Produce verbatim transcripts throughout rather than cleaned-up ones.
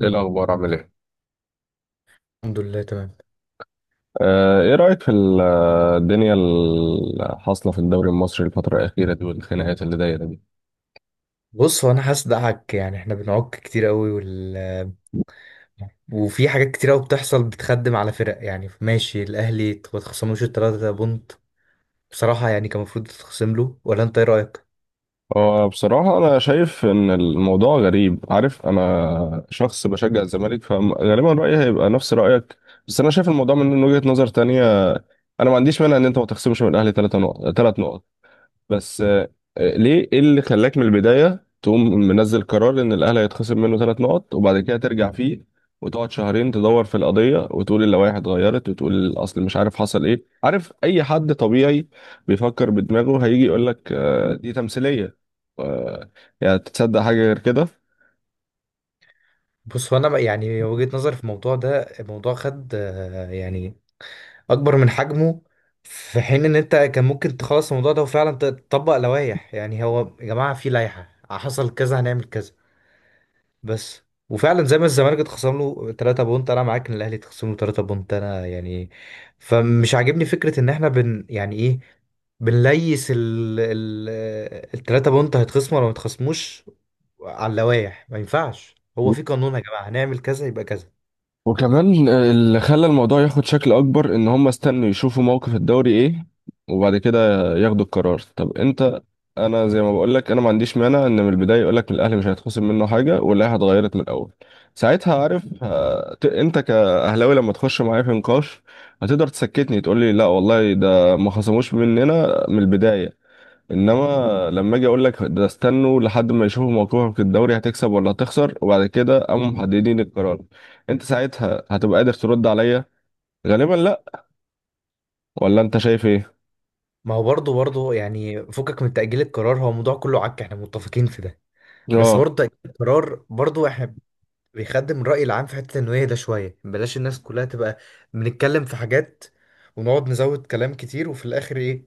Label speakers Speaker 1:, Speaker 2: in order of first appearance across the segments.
Speaker 1: ايه الاخبار، عامل ايه؟
Speaker 2: الحمد لله تمام.
Speaker 1: آه، ايه رأيك في ال- الدنيا اللي حاصلة في الدوري المصري الفترة الأخيرة دي والخناقات اللي دايرة دي؟
Speaker 2: بص، هو انا هصدقك، يعني احنا بنعك كتير قوي وال وفي حاجات كتير قوي بتحصل بتخدم على فرق. يعني ماشي، الاهلي ما تخصموش التلاتة بونت بصراحة، يعني كان المفروض تتخصم له، ولا انت ايه رأيك؟
Speaker 1: هو بصراحة أنا شايف إن الموضوع غريب. عارف، أنا شخص بشجع الزمالك، فغالبا رأيي هيبقى نفس رأيك. بس أنا شايف الموضوع من وجهة نظر تانية. أنا ما عنديش مانع إن أنت ما تخصمش من الأهلي ثلاث نقط، ثلاث نقط. بس، آه، آه، ليه ايه اللي خلاك من البداية تقوم منزل قرار ان الاهلي هيتخصم منه ثلاث نقط، وبعد كده ترجع فيه، وتقعد شهرين تدور في القضية، وتقول اللوائح اتغيرت، وتقول الاصل، مش عارف حصل ايه. عارف، اي حد طبيعي بيفكر بدماغه هيجي يقول لك آه، دي تمثيلية. آه، يعني تتصدق حاجة غير كده؟
Speaker 2: بص، هو انا بقى- يعني وجهة نظري في الموضوع ده، الموضوع خد آه، يعني اكبر من حجمه، في حين ان انت كان ممكن تخلص الموضوع ده وفعلا تطبق لوائح. يعني هو يا جماعة في لائحة، حصل كذا هنعمل كذا بس. وفعلا زي ما الزمالك اتخصم له 3 بونت، انا معاك ان الاهلي اتخصم له 3 بونت. انا يعني فمش عاجبني فكره ان احنا بن يعني ايه، بنليس ال ال التلاتة بونت هيتخصموا ولا ما يتخصموش. على اللوايح، ما ينفعش، هو في قانون يا جماعة، هنعمل كذا يبقى كذا.
Speaker 1: وكمان اللي خلى الموضوع ياخد شكل اكبر ان هم استنوا يشوفوا موقف الدوري ايه وبعد كده ياخدوا القرار. طب انت، انا زي ما بقول لك، انا ما عنديش مانع ان من البدايه يقول لك الاهلي مش هيتخصم منه حاجه واللائحه اتغيرت من الاول. ساعتها، عارف، هت- انت كاهلاوي لما تخش معايا في نقاش، هتقدر تسكتني، تقول لي لا والله ده ما خصموش مننا من البدايه. انما لما اجي اقول لك ده استنوا لحد ما يشوفوا موقفهم في الدوري هتكسب ولا هتخسر، وبعد كده قاموا محددين القرار، انت ساعتها هتبقى قادر ترد عليا؟ غالبا لا. ولا انت شايف ايه؟
Speaker 2: ما هو برضه برضه يعني فكك من تأجيل القرار، هو الموضوع كله عك، احنا متفقين في ده، بس
Speaker 1: اه.
Speaker 2: برضه تأجيل القرار برضه احنا بيخدم الرأي العام في حتة التنوية ده شوية، بلاش الناس كلها تبقى بنتكلم في حاجات ونقعد نزود كلام كتير، وفي الآخر إيه؟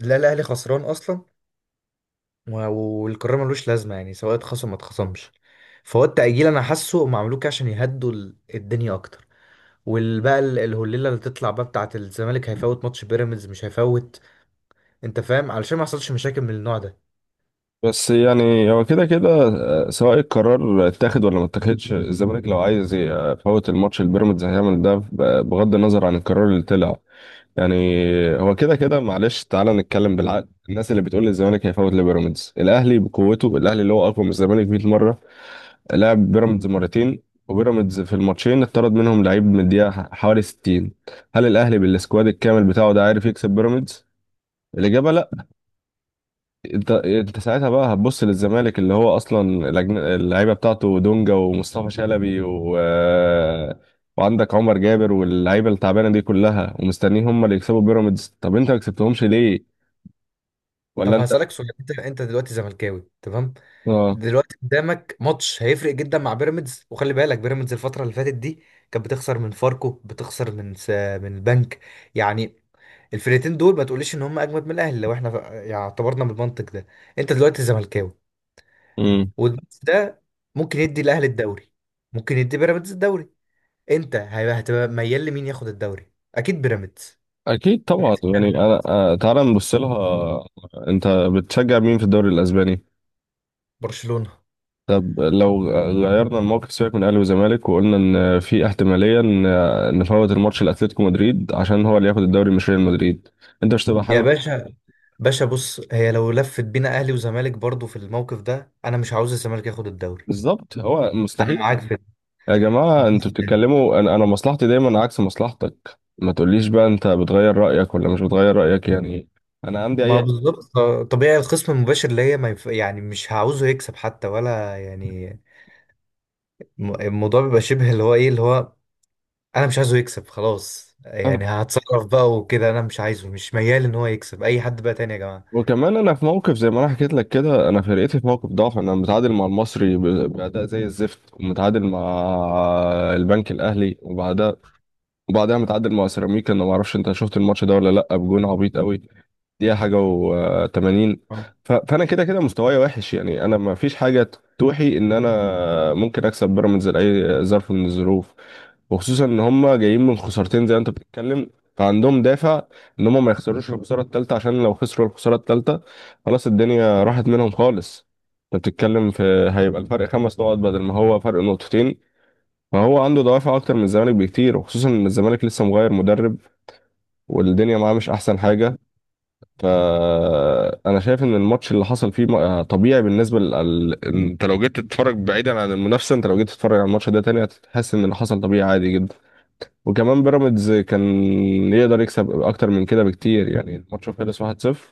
Speaker 2: لا، الأهلي خسران أصلا، و- والقرار ملوش لازمة، يعني سواء اتخصم ما اتخصمش. فهو التأجيل أنا حاسه هم عملوه كده عشان يهدوا ال- الدنيا أكتر، والبقى ال- الهليلة اللي تطلع بقى بتاعة الزمالك هيفوت ماتش بيراميدز مش هيفوت. أنت فاهم؟ علشان ما يحصلش مشاكل من النوع ده.
Speaker 1: بس يعني هو كده كده، آه، سواء القرار اتاخد ولا ما اتاخدش، الزمالك لو عايز آه، يفوت الماتش البيراميدز هيعمل ده ب- بغض النظر عن القرار اللي طلع. يعني هو كده كده. معلش تعالى نتكلم بالعقل. الناس اللي بتقول الزمالك هيفوت لبيراميدز، الاهلي بقوته، الاهلي اللي هو اقوى من الزمالك مية مرة مره، لعب بيراميدز مرتين، وبيراميدز في الماتشين اتطرد منهم لعيب من الدقيقة حوالي ستين. هل الأهلي بالسكواد الكامل بتاعه ده عارف يكسب بيراميدز؟ الإجابة لأ. أنت أنت ساعتها بقى هتبص للزمالك اللي هو أصلا الأجن- اللعيبة بتاعته دونجا ومصطفى شلبي، و... وعندك عمر جابر واللعيبة التعبانة دي كلها، ومستنيين هم اللي يكسبوا بيراميدز؟ طب أنت ما كسبتهمش ليه؟ ولا
Speaker 2: طب
Speaker 1: أنت؟
Speaker 2: هسألك سؤال، أنت أنت دلوقتي زملكاوي تمام،
Speaker 1: آه.
Speaker 2: دلوقتي قدامك ماتش هيفرق جدا مع بيراميدز، وخلي بالك بيراميدز الفترة اللي فاتت دي كانت بتخسر من فاركو، بتخسر من س... من البنك، يعني الفرقتين دول ما تقوليش ان هم اجمد من الاهلي. لو احنا ف- يعني اعتبرنا بالمنطق ده، انت دلوقتي زملكاوي،
Speaker 1: امم.
Speaker 2: والماتش ده ممكن يدي الاهلي الدوري، ممكن يدي بيراميدز الدوري، انت هيبقى- هتبقى ميال لمين ياخد الدوري؟ اكيد بيراميدز.
Speaker 1: أكيد طبعا. يعني أنا آه، تعالى نبص لها. أنت بتشجع مين في الدوري الأسباني؟
Speaker 2: برشلونة.
Speaker 1: طب لو غيرنا الموقف، سيبك من اهلي وزمالك، وقلنا ان في احتماليه ان إن نفوت الماتش لاتلتيكو مدريد عشان هو اللي ياخد الدوري مش ريال مدريد، انت مش تبقى
Speaker 2: يا
Speaker 1: حابب؟
Speaker 2: باشا، باشا، بص، هي لو لفت بينا اهلي وزمالك برضو في الموقف ده، انا مش عاوز الزمالك ياخد الدوري.
Speaker 1: بالظبط، هو
Speaker 2: انا
Speaker 1: مستحيل.
Speaker 2: معاك في
Speaker 1: يا جماعه، انتوا
Speaker 2: بس.
Speaker 1: بتتكلموا، انا انا مصلحتي دايما عكس مصلحتك. ما تقوليش بقى انت بتغير رايك ولا مش بتغير رايك يعني. انا عندي
Speaker 2: ما طب-
Speaker 1: اي
Speaker 2: بالظبط، آه، طبيعي الخصم المباشر اللي هي ما يف... يعني مش هعوزه يكسب حتى، ولا يعني م- الموضوع بيبقى شبه اللي هو ايه، اللي هو انا مش عايزه يكسب خلاص،
Speaker 1: آه.
Speaker 2: يعني هتصرف بقى وكده، انا مش عايزه، مش ميال ان هو يكسب اي حد بقى تاني يا جماعة.
Speaker 1: وكمان انا في موقف، زي ما انا حكيت لك كده، انا فرقتي في موقف ضعف. انا متعادل مع المصري ب- باداء زي الزفت، ومتعادل مع البنك الاهلي، وبعدها وبعدها متعادل مع سيراميكا. انا ما اعرفش انت شفت الماتش ده ولا لا، بجون عبيط قوي. دي حاجه، وتمانين. فانا كده كده مستواي وحش. يعني انا ما فيش حاجه توحي ان انا ممكن اكسب بيراميدز لاي ظرف من الظروف، وخصوصا ان هم جايين من خسارتين، زي ما انت بتتكلم. فعندهم دافع ان هم ما يخسروش الخساره الثالثه، عشان لو خسروا الخساره الثالثه خلاص الدنيا راحت منهم خالص. انت بتتكلم في، هيبقى الفرق خمس نقط بدل ما هو فرق نقطتين. فهو عنده دوافع اكتر من الزمالك بكتير، وخصوصا ان الزمالك لسه مغير مدرب، والدنيا معاه مش احسن حاجه. فانا شايف ان الماتش اللي حصل فيه م- آه، طبيعي بالنسبه لل... انت لو جيت تتفرج بعيدا عن المنافسه، انت لو جيت تتفرج على الماتش ده تاني هتحس ان اللي حصل طبيعي عادي جدا. وكمان بيراميدز كان يقدر يكسب اكتر من كده بكتير. يعني الماتش خلص واحد صفر.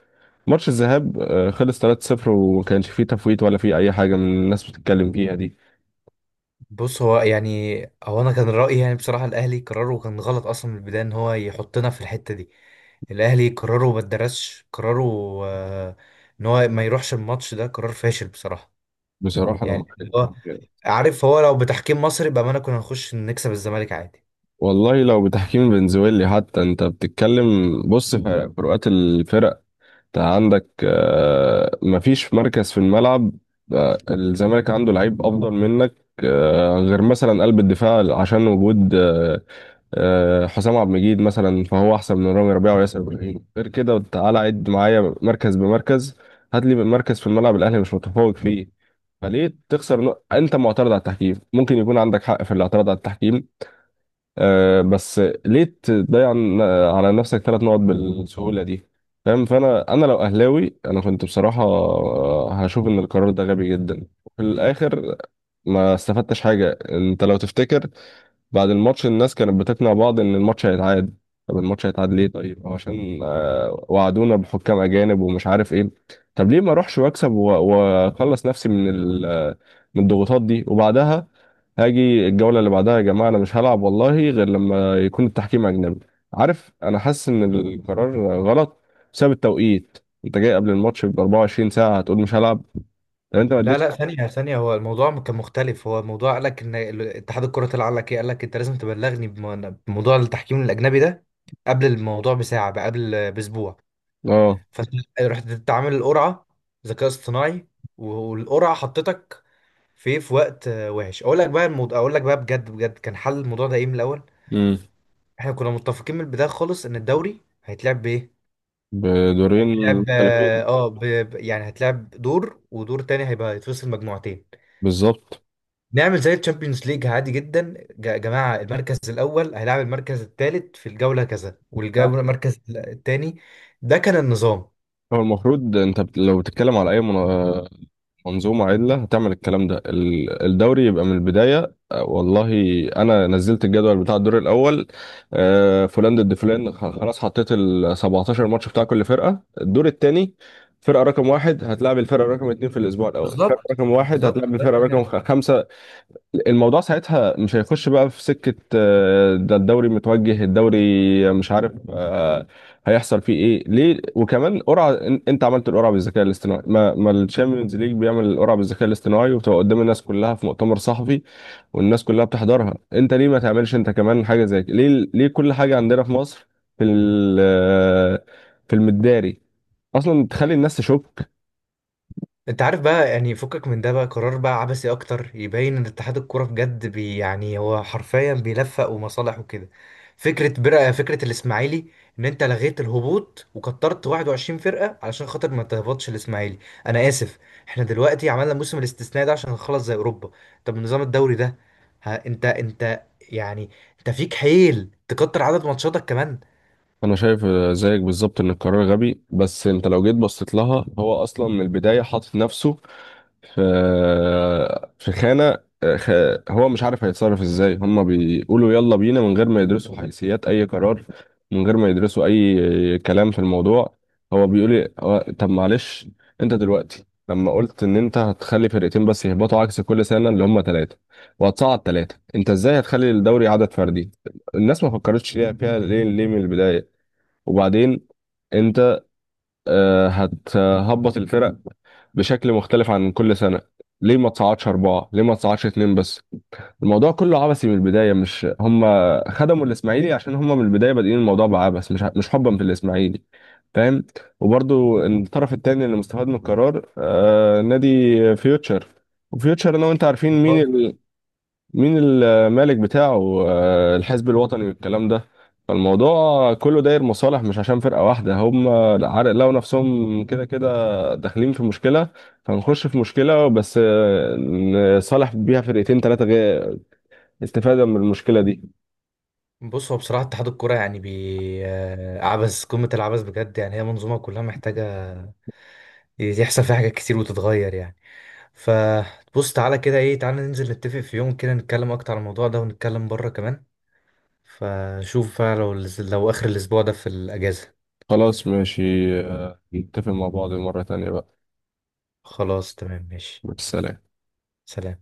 Speaker 1: ماتش الذهاب آه، خلص ثلاثة صفر، وما كانش فيه تفويت ولا فيه اي حاجه من الناس بتتكلم فيها دي.
Speaker 2: بص، هو يعني هو انا كان رأيي يعني بصراحة الاهلي قراره كان غلط اصلا من البداية، ان هو يحطنا في الحتة دي. الاهلي قراره ما اتدرسش قراره، آه، ان هو ما يروحش الماتش ده قرار فاشل بصراحة،
Speaker 1: بصراحه انا
Speaker 2: يعني اللي
Speaker 1: مختلف.
Speaker 2: هو عارف، هو لو بتحكيم مصري بأمانة كنا نخش نكسب الزمالك عادي.
Speaker 1: والله لو بتحكيم فنزويلي حتى، انت بتتكلم. بص في فروقات الفرق. انت عندك آه، مفيش مركز في الملعب. آه، الزمالك عنده لعيب افضل منك. آه، غير مثلا قلب الدفاع، عشان وجود آه، آه، حسام عبد المجيد مثلا، فهو احسن من رامي ربيعه وياسر ابراهيم. غير كده تعالى عد معايا مركز بمركز. هات لي مركز في الملعب الاهلي مش متفوق فيه. فليه تخسر نق- انت معترض على التحكيم، ممكن يكون عندك حق في الاعتراض على التحكيم. آه، بس ليه تضيع ن- على نفسك ثلاث نقط بالسهولة دي؟ فاهم؟ فانا انا لو اهلاوي انا كنت بصراحة آه، هشوف ان القرار ده غبي جدا، وفي الاخر ما استفدتش حاجة. انت لو تفتكر بعد الماتش الناس كانت بتقنع بعض ان الماتش هيتعاد. طب الماتش هيتعاد ليه؟ طيب هو عشان آه، وعدونا بحكام اجانب ومش عارف ايه. طب ليه ما اروحش واكسب و- واخلص نفسي من ال- آه، من الضغوطات دي. وبعدها هاجي الجولة اللي بعدها، يا جماعة انا مش هلعب والله غير لما يكون التحكيم اجنبي. عارف، انا حاسس ان القرار غلط بسبب التوقيت. انت جاي قبل الماتش ب 24 ساعة، هتقول مش هلعب؟ طب انت ما
Speaker 2: لا
Speaker 1: اديتش.
Speaker 2: لا ثانية ثانية، هو الموضوع كان مختلف، هو الموضوع قال لك ان ال- اتحاد الكرة طلع قال لك ايه، قال لك انت لازم تبلغني بم- بموضوع التحكيم الأجنبي ده قبل الموضوع بساعة بقى قبل بأسبوع.
Speaker 1: اه.
Speaker 2: فانت رحت تعمل القرعة ذكاء اصطناعي، والقرعة حطتك في في وقت آه، وحش. اقول لك بقى الموضوع، اقول لك بقى بجد بجد، كان حل الموضوع ده ايه من الأول؟
Speaker 1: امم
Speaker 2: احنا كنا متفقين من البداية خالص ان الدوري هيتلعب بايه.
Speaker 1: بدورين
Speaker 2: هتلعب
Speaker 1: مختلفين.
Speaker 2: اه ب... ب- يعني هتلعب دور، ودور تاني هيبقى هيتفصل مجموعتين.
Speaker 1: بالظبط.
Speaker 2: نعمل زي الشامبيونز ليج عادي جدا يا جماعة، المركز الأول هيلعب المركز الثالث في الجولة كذا، والجولة المركز الثاني. ده كان النظام.
Speaker 1: هو المفروض انت بت- لو بتتكلم على اي من- منظومه عدله، هتعمل الكلام ده. ال- الدوري يبقى من البدايه. آه، والله انا نزلت الجدول بتاع الدور الاول. آه، فلان ضد فلان. خ- خلاص حطيت ال 17 ماتش بتاع كل فرقه، الدور الثاني فرقه رقم واحد هتلعب الفرقه رقم اثنين في الاسبوع الاول، فرقه
Speaker 2: بالظبط،
Speaker 1: رقم واحد
Speaker 2: بالظبط.
Speaker 1: هتلعب الفرقه رقم خ- خمسه. الموضوع ساعتها مش هيخش بقى في سكة آه، ده الدوري متوجه، الدوري مش عارف آه، هيحصل فيه ايه؟ ليه؟ وكمان قرعة، إن- انت عملت القرعة بالذكاء الاصطناعي! ما, ما الشامبيونز ليج بيعمل القرعة بالذكاء الاصطناعي وبتبقى قدام الناس كلها في مؤتمر صحفي، والناس كلها بتحضرها. انت ليه ما تعملش انت كمان حاجة زي كده؟ ليه؟ ليه كل حاجة عندنا في مصر في ال- آه، في المداري اصلا تخلي الناس تشك؟
Speaker 2: انت عارف بقى، يعني فكك من ده بقى، قرار بقى عبثي اكتر يبين ان اتحاد الكوره بجد بي، يعني هو حرفيا بيلفق ومصالح وكده. فكره برقه، فكره الاسماعيلي، ان انت لغيت الهبوط وكترت واحد وعشرين فرقه علشان خاطر ما تهبطش الاسماعيلي. انا اسف، احنا دلوقتي عملنا الموسم الاستثنائي ده عشان نخلص زي اوروبا. طب نظام الدوري ده؟ ها، انت انت يعني، انت فيك حيل تكتر عدد ماتشاتك
Speaker 1: انا شايف آه، زيك بالظبط ان القرار غبي. بس انت لو جيت بصيت لها هو اصلا من البدايه حاطط نفسه في في خانه، آه، خ- هو مش عارف هيتصرف ازاي. هما بيقولوا يلا بينا من غير ما يدرسوا حيثيات اي قرار، من غير ما يدرسوا اي كلام في الموضوع. هو بيقول لي هو- طب معلش، انت دلوقتي لما قلت ان انت هتخلي فرقتين بس يهبطوا، عكس كل سنه اللي هما ثلاثه، وهتصعد ثلاثه، انت ازاي هتخلي الدوري عدد فردي؟ الناس ما فكرتش ليه فيها؟ ليه؟ ليه من البدايه؟ وبعدين انت آه، هتهبط الفرق بشكل مختلف عن كل سنة. ليه ما تصعدش أربعة؟ ليه ما تصعدش اتنين بس؟ الموضوع كله عبثي من البداية. مش هم خدموا الإسماعيلي، عشان هم من البداية بادئين الموضوع بعبث، مش مش حبا في الإسماعيلي. فاهم؟ وبرضو الطرف التاني اللي مستفاد من القرار آه نادي فيوتشر. وفيوتشر أنا وأنت عارفين مين،
Speaker 2: كمان؟
Speaker 1: مين المالك بتاعه. آه، الحزب الوطني والكلام ده. فالموضوع كله داير مصالح، مش عشان فرقة واحدة. هم عارف لقوا نفسهم كده كده داخلين في مشكلة، فنخش في مشكلة بس آه، نصالح بيها فرقتين تلاتة، غير استفادة من المشكلة دي.
Speaker 2: بص، هو بصراحة اتحاد الكرة يعني بي آه، عبث، قمة العبث بجد، يعني هي منظومة كلها محتاجة يحصل فيها حاجات كتير وتتغير يعني. فبص، تعالى كده ايه، تعالى ننزل نتفق في يوم كده نتكلم أكتر عن الموضوع ده، ونتكلم بره كمان. فشوف بقى لو لو آخر الأسبوع ده في الأجازة.
Speaker 1: خلاص، ماشي. آه، نتفق مع بعض مرة تانية بقى.
Speaker 2: خلاص تمام ماشي.
Speaker 1: والسلام.
Speaker 2: سلام.